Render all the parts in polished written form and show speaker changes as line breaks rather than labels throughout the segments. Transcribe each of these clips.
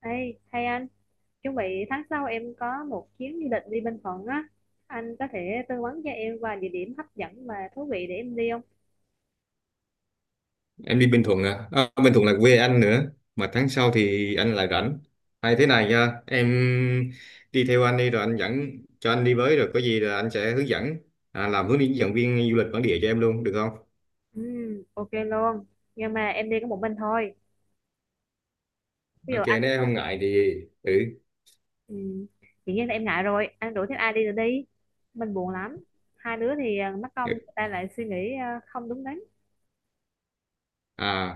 Ê, hay anh, chuẩn bị tháng sau em có một chuyến du lịch đi Bình Thuận á. Anh có thể tư vấn cho em vài địa điểm hấp dẫn và thú vị để em đi không?
Em đi Bình Thuận à? À, Bình Thuận là quê anh nữa, mà tháng sau thì anh lại rảnh. Hay thế này nha em, đi theo anh đi rồi anh dẫn, cho anh đi với rồi có gì là anh sẽ hướng dẫn, làm hướng dẫn viên du lịch bản địa cho em luôn được không?
Ừ, ok luôn. Nhưng mà em đi có một mình thôi. Ví dụ
Ok,
anh,
nếu em không ngại thì ừ.
ừ, dĩ nhiên là em ngại rồi. Anh rủ thêm ai đi rồi đi. Mình buồn lắm. 2 đứa thì mất công người ta lại suy nghĩ không đúng đắn.
à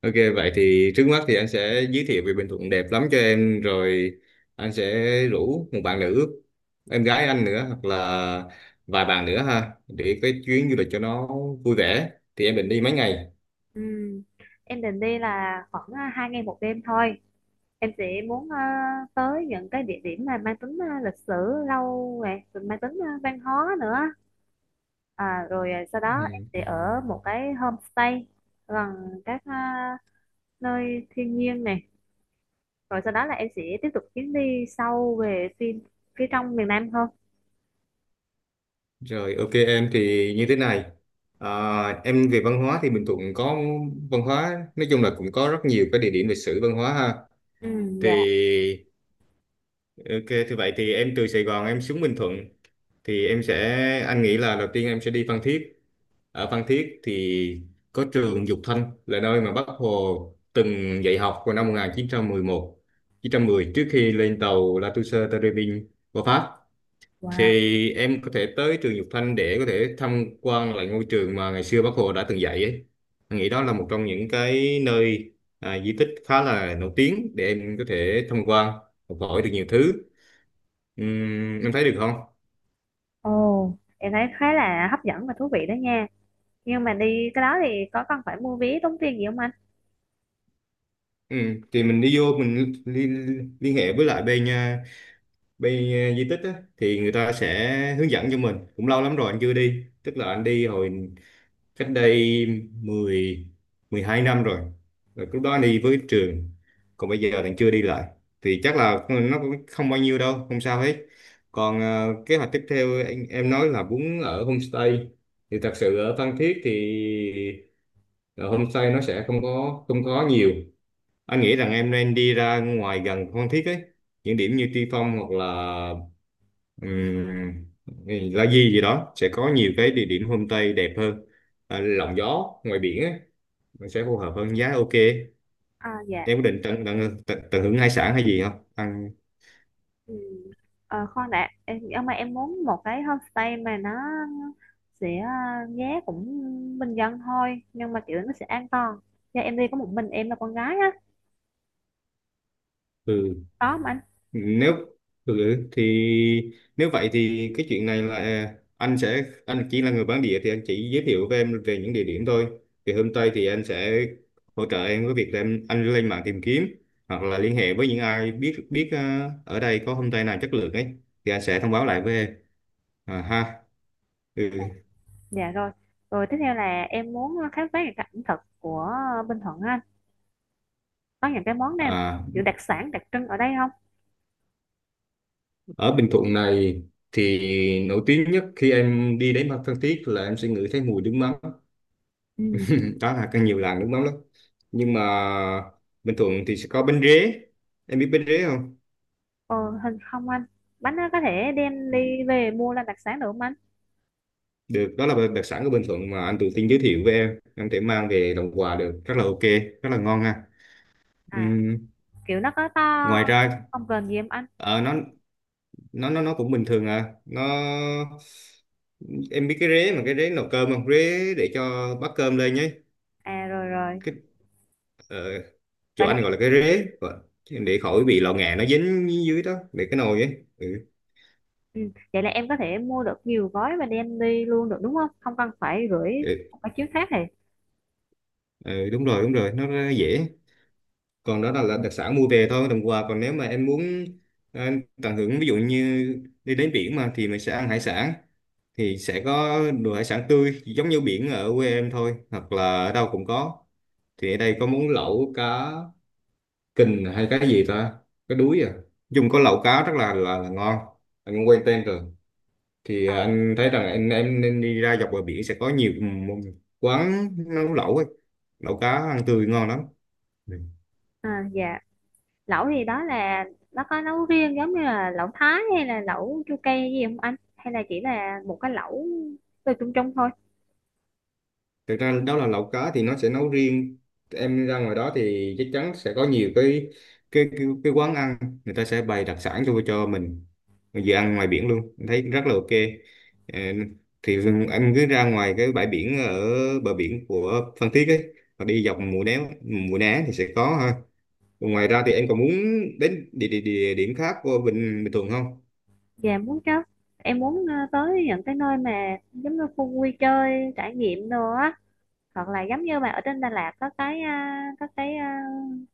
ok, vậy thì trước mắt thì anh sẽ giới thiệu về Bình Thuận đẹp lắm cho em rồi, anh sẽ rủ một bạn nữ, em gái anh nữa, hoặc là vài bạn nữa ha, để cái chuyến du lịch cho nó vui vẻ. Thì em định đi mấy ngày?
Ừ, em định đi là khoảng 2 ngày 1 đêm thôi. Em sẽ muốn tới những cái địa điểm mà mang tính lịch sử lâu nè, rồi mang tính văn hóa nữa. À, rồi sau đó em
Ừ.
sẽ ở một cái homestay gần các nơi thiên nhiên này, rồi sau đó là em sẽ tiếp tục chuyến đi sâu về phía trong miền Nam hơn.
Rồi ok, em thì như thế này, em về văn hóa thì Bình Thuận có văn hóa, nói chung là cũng có rất nhiều cái địa điểm lịch sử văn hóa ha.
Ừ. Dạ.
Thì ok, thì vậy thì em từ Sài Gòn em xuống Bình Thuận thì em sẽ, anh nghĩ là đầu tiên em sẽ đi Phan Thiết. Ở Phan Thiết thì có trường Dục Thanh là nơi mà Bác Hồ từng dạy học vào năm 1911 910 trước khi lên tàu La Touche Tây Rê Vinh qua Pháp.
Wow.
Thì em có thể tới trường Dục Thanh để có thể tham quan lại ngôi trường mà ngày xưa Bác Hồ đã từng dạy ấy. Anh nghĩ đó là một trong những cái nơi, di tích khá là nổi tiếng để em có thể tham quan, học hỏi được nhiều thứ. Em thấy được không?
Ồ, em thấy khá là hấp dẫn và thú vị đó nha, nhưng mà đi cái đó thì có cần phải mua vé tốn tiền gì không anh?
Thì mình đi vô mình liên hệ với lại bên di tích á, thì người ta sẽ hướng dẫn cho mình. Cũng lâu lắm rồi anh chưa đi, tức là anh đi hồi cách đây 10 12 năm rồi. Rồi lúc đó đi với trường, còn bây giờ bạn chưa đi lại thì chắc là nó cũng không bao nhiêu đâu, không sao hết. Còn kế hoạch tiếp theo em nói là muốn ở homestay thì thật sự ở Phan Thiết thì ở homestay nó sẽ không có nhiều. Anh nghĩ rằng em nên đi ra ngoài gần Phan Thiết ấy, những điểm như Tuy Phong hoặc là Ừm, thì La Di gì đó sẽ có nhiều cái địa điểm homestay đẹp hơn, à, lộng gió ngoài biển á, nó sẽ phù hợp hơn giá ok.
À, dạ.
Em có định tận hưởng hải sản hay gì không ăn?
Ừ. Ờ, khoan đã em, nhưng mà em muốn một cái homestay mà nó sẽ giá cũng bình dân thôi nhưng mà kiểu nó sẽ an toàn. Dạ em đi có một mình em là con gái á,
Ừ.
đó mà anh.
Nếu thì nếu vậy thì cái chuyện này là anh sẽ, anh chỉ là người bản địa thì anh chỉ giới thiệu với em về những địa điểm thôi, thì hôm tây thì anh sẽ hỗ trợ em với việc là em anh lên mạng tìm kiếm hoặc là liên hệ với những ai biết biết ở đây có homestay nào chất lượng ấy thì anh sẽ thông báo lại với em, à, ha ừ.
Dạ rồi. Rồi tiếp theo là em muốn khám phá những cái ẩm thực của Bình Thuận á anh, có những cái món nào
À,
kiểu đặc sản đặc trưng ở đây không?
ở Bình Thuận này thì nổi tiếng nhất khi em đi đến Phan Thiết là em sẽ ngửi thấy mùi nước mắm,
Ừ.
đó là càng nhiều làng nước mắm lắm. Nhưng mà Bình Thuận thì sẽ có bánh rế, em biết bánh rế không?
ờ, Hình không anh? Bánh nó có thể đem
Ừ.
đi về mua làm đặc sản được không anh?
Được, đó là đặc sản của Bình Thuận mà anh tự tin giới thiệu với em thể mang về làm quà được rất là ok, rất là ngon ha.
À,
Ừm,
kiểu nó có to
Ngoài ra,
không, cần gì em anh?
ờ, nó nó cũng bình thường à, nó, em biết cái rế mà, cái rế nấu cơm không, rế để cho bát cơm lên nhé,
À rồi rồi.
cái ờ, chỗ
Vậy.
anh gọi là cái rế, ờ, để khỏi bị lò nghè nó dính dưới đó, để cái nồi ấy
Ừ. Vậy là em có thể mua được nhiều gói và đem đi luôn được đúng không? Không cần phải gửi
ừ.
một cái chiếc khác thì.
Ừ, đúng rồi đúng rồi, nó rất dễ. Còn đó là đặc sản mua về thôi đồng quà, còn nếu mà em muốn ờ, tận hưởng ví dụ như đi đến biển mà thì mình sẽ ăn hải sản, thì sẽ có đồ hải sản tươi giống như biển ở quê em thôi, hoặc là ở đâu cũng có. Thì ở đây có món lẩu cá kình hay cái gì ta, cái đuối à, dùng có lẩu cá rất là ngon, anh cũng quen tên rồi. Thì anh thấy rằng anh em nên đi ra dọc bờ biển sẽ có nhiều quán nấu lẩu ấy. Lẩu cá ăn tươi ngon lắm.
À, dạ. Lẩu thì đó là nó có nấu riêng giống như là lẩu Thái hay là lẩu chua cay gì không anh? Hay là chỉ là một cái lẩu từ chung chung thôi?
Thực ra đó là lẩu cá thì nó sẽ nấu riêng, em ra ngoài đó thì chắc chắn sẽ có nhiều cái quán ăn, người ta sẽ bày đặc sản cho mình vừa ăn ngoài biển luôn em thấy rất là ok. Ờ, thì em cứ ra ngoài cái bãi biển ở bờ biển của Phan Thiết ấy và đi dọc Mũi Né, Mũi Né thì sẽ có ha. Còn ngoài ra thì em còn muốn đến địa điểm khác của Bình Bình Thuận không?
Dạ muốn chứ. Em muốn tới những cái nơi mà giống như khu vui chơi, trải nghiệm đồ á. Hoặc là giống như mà ở trên Đà Lạt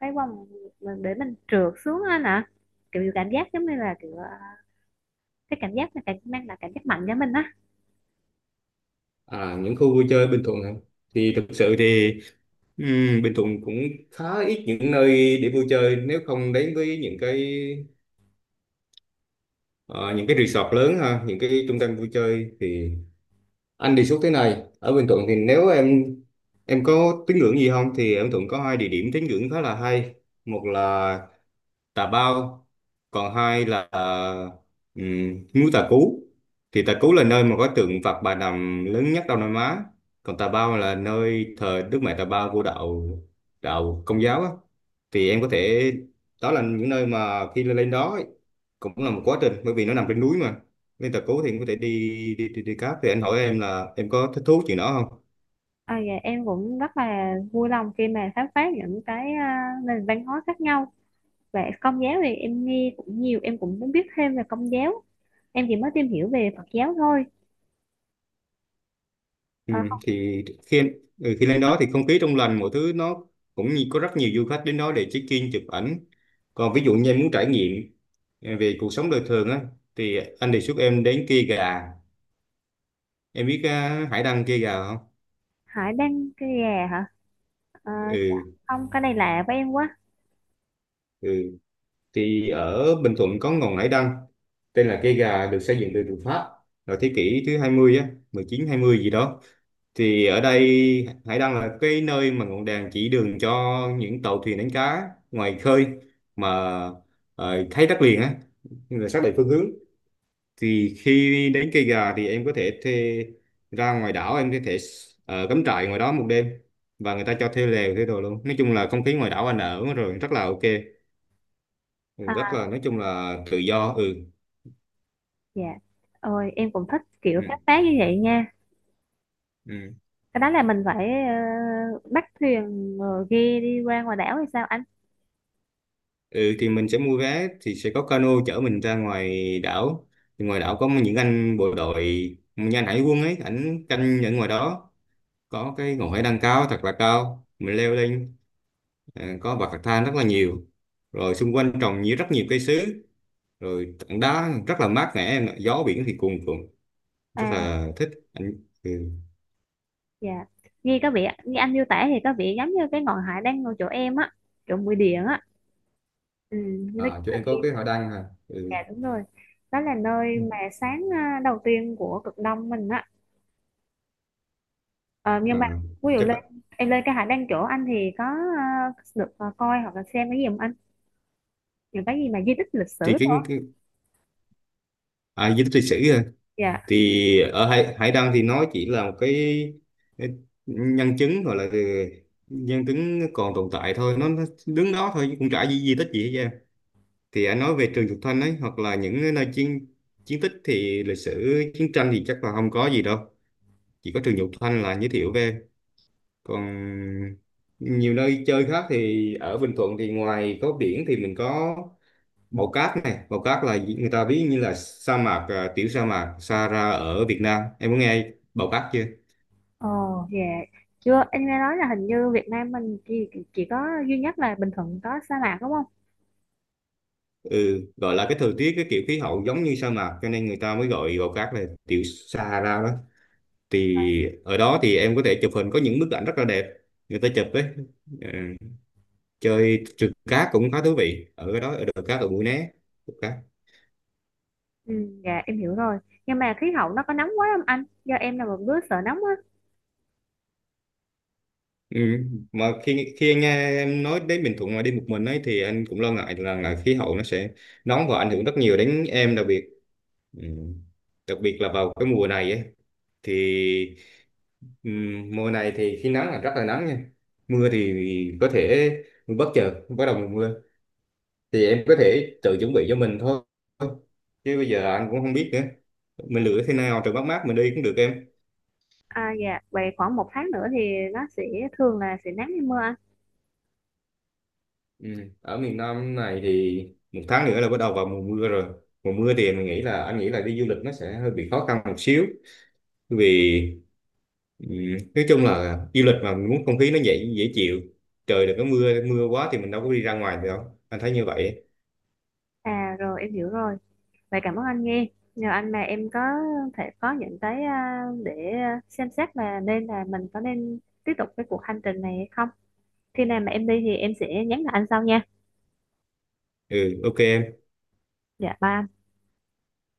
cái vòng mà để mình trượt xuống anh ạ. Kiểu cảm giác giống như là kiểu cái cảm giác là cảm mang lại cảm giác mạnh cho mình á.
À, những khu vui chơi Bình Thuận hả? Thì thực sự thì Ừ, Bình Thuận cũng khá ít những nơi để vui chơi, nếu không đến với những cái ờ, những cái resort lớn ha, những cái trung tâm vui chơi, thì anh đề xuất thế này, ở Bình Thuận thì nếu em có tín ngưỡng gì không, thì ở Bình Thuận có hai địa điểm tín ngưỡng khá là hay, một là tà bao, còn hai là um, núi Tà Cú. Thì Tà Cú là nơi mà có tượng Phật Bà Nằm lớn nhất Đông Nam Á, còn Tà Bao là nơi thờ Đức Mẹ Tà Bao của đạo đạo Công giáo á. Thì em có thể, đó là những nơi mà khi lên đó ấy, cũng là một quá trình bởi vì nó nằm trên núi mà. Nên Tà Cú thì em có thể đi đi cáp, thì anh hỏi em là em có thích thú chuyện đó không?
À, dạ, em cũng rất là vui lòng khi mà khám phá những cái nền văn hóa khác nhau. Về công giáo thì em nghe cũng nhiều, em cũng muốn biết thêm về công giáo. Em chỉ mới tìm hiểu về Phật giáo thôi.
Ừ,
À, không.
thì khi lên đó thì không khí trong lành, mọi thứ nó cũng như có rất nhiều du khách đến đó để check in chụp ảnh. Còn ví dụ như em muốn trải nghiệm về cuộc sống đời thường á, thì anh đề xuất em đến Kia Gà, em biết hải đăng Kia Gà không?
Hải Đăng cái gà hả? Ờ, dạ.
ừ,
Không, cái này lạ với em quá.
ừ thì ở Bình Thuận có ngọn hải đăng tên là cây gà được xây dựng từ từ Pháp vào thế kỷ thứ 20 á, mười chín hai mươi gì đó. Thì ở đây hải đăng là cái nơi mà ngọn đèn chỉ đường cho những tàu thuyền đánh cá ngoài khơi mà thấy đất liền á, là xác định phương hướng. Thì khi đến cây gà thì em có thể thuê, ra ngoài đảo em có thể cắm trại ngoài đó một đêm, và người ta cho thuê lều thuê đồ luôn. Nói chung là không khí ngoài đảo anh ở rồi rất là ok. Ừ, rất
À,
là, nói chung là tự do ừ.
dạ. Ôi em cũng thích kiểu
ừ
khám phá như vậy nha.
ừ
Cái đó là mình phải bắt thuyền rồi ghe đi qua ngoài đảo hay sao anh?
ừ, thì mình sẽ mua vé thì sẽ có cano chở mình ra ngoài đảo. Thì ngoài đảo có những anh bộ đội, như anh hải quân ấy, ảnh canh ở ngoài đó, có cái ngọn hải đăng cao thật là cao, mình leo lên, ờ, có bậc thang rất là nhiều, rồi xung quanh trồng rất nhiều cây sứ, rồi tảng đá rất là mát mẻ em ạ. Gió biển thì cuồn cuộn, rất
À.
là thích anh ừ.
Dạ, nghe có vẻ nghe anh miêu tả thì có vẻ giống như cái ngọn hải đang ngồi chỗ em á, chỗ mũi điện á. Ừ, nó là
À chỗ em có
kia.
cái hải đăng hả ừ.
Dạ đúng rồi. Đó là nơi mà sáng đầu tiên của cực đông mình á. Ờ, nhưng mà
à,
ví dụ
Chắc
lên
là
em lên cái hải đăng chỗ anh thì có à, được coi hoặc là xem cái gì không anh? Những cái gì mà di tích lịch sử
thì
thôi.
cái, à di tích lịch sử à.
Dạ.
Thì ở hải đăng thì nó chỉ là một cái nhân chứng, gọi là cái nhân chứng còn tồn tại thôi, nó đứng đó thôi chứ cũng chả di tích gì hết trơn. Thì anh nói về Trường Thục Thanh ấy, hoặc là những nơi chiến chiến tích thì lịch sử chiến tranh thì chắc là không có gì đâu, chỉ có Trường Thục Thanh là giới thiệu về. Còn nhiều nơi chơi khác thì ở Bình Thuận thì ngoài có biển thì mình có màu cát này, màu cát là người ta ví như là sa mạc, à, tiểu sa mạc Sahara ở Việt Nam, em có nghe bào cát chưa?
Ồ, dạ. Chưa, anh nghe nói là hình như Việt Nam mình chỉ có duy nhất là Bình Thuận có sa mạc đúng không?
Ừ, gọi là cái thời tiết cái kiểu khí hậu giống như sa mạc, cho nên người ta mới gọi bào cát là tiểu Sahara đó. Thì ở đó thì em có thể chụp hình, có những bức ảnh rất là đẹp người ta chụp đấy. Ờ, chơi trượt cát cũng khá thú vị ở đó, ở đồi cát ở Mũi Né, trượt cát
Ừ, dạ em hiểu rồi. Nhưng mà khí hậu nó có nóng quá không anh? Do em là một đứa sợ nóng á.
ừ. Mà khi khi anh nghe em nói đến Bình Thuận mà đi một mình ấy, thì anh cũng lo ngại là khí hậu nó sẽ nóng và ảnh hưởng rất nhiều đến em, đặc biệt Ừ. Đặc biệt là vào cái mùa này ấy, thì mùa này thì khi nắng là rất là nắng nha, mưa thì có thể bất chợt bắt đầu mùa mưa. Thì em có thể tự chuẩn bị cho mình thôi, chứ bây giờ anh cũng không biết nữa, mình lựa thế nào trời mát mát mình đi cũng được em
À dạ, vậy khoảng một tháng nữa thì nó sẽ thường là sẽ nắng hay mưa anh?
ừ. Ở miền Nam này thì một tháng nữa là bắt đầu vào mùa mưa rồi, mùa mưa thì mình nghĩ là anh nghĩ là đi du lịch nó sẽ hơi bị khó khăn một xíu vì Ừ. Nói chung là du lịch mà mình muốn không khí nó dễ dễ chịu, trời đừng có mưa mưa quá thì mình đâu có đi ra ngoài được, không anh thấy như vậy
À rồi em hiểu rồi. Vậy cảm ơn anh nghe. Nhờ anh mà em có thể có những cái để xem xét là nên là mình có nên tiếp tục cái cuộc hành trình này hay không. Khi nào mà em đi thì em sẽ nhắn lại anh sau nha.
ừ ok.
Dạ bye.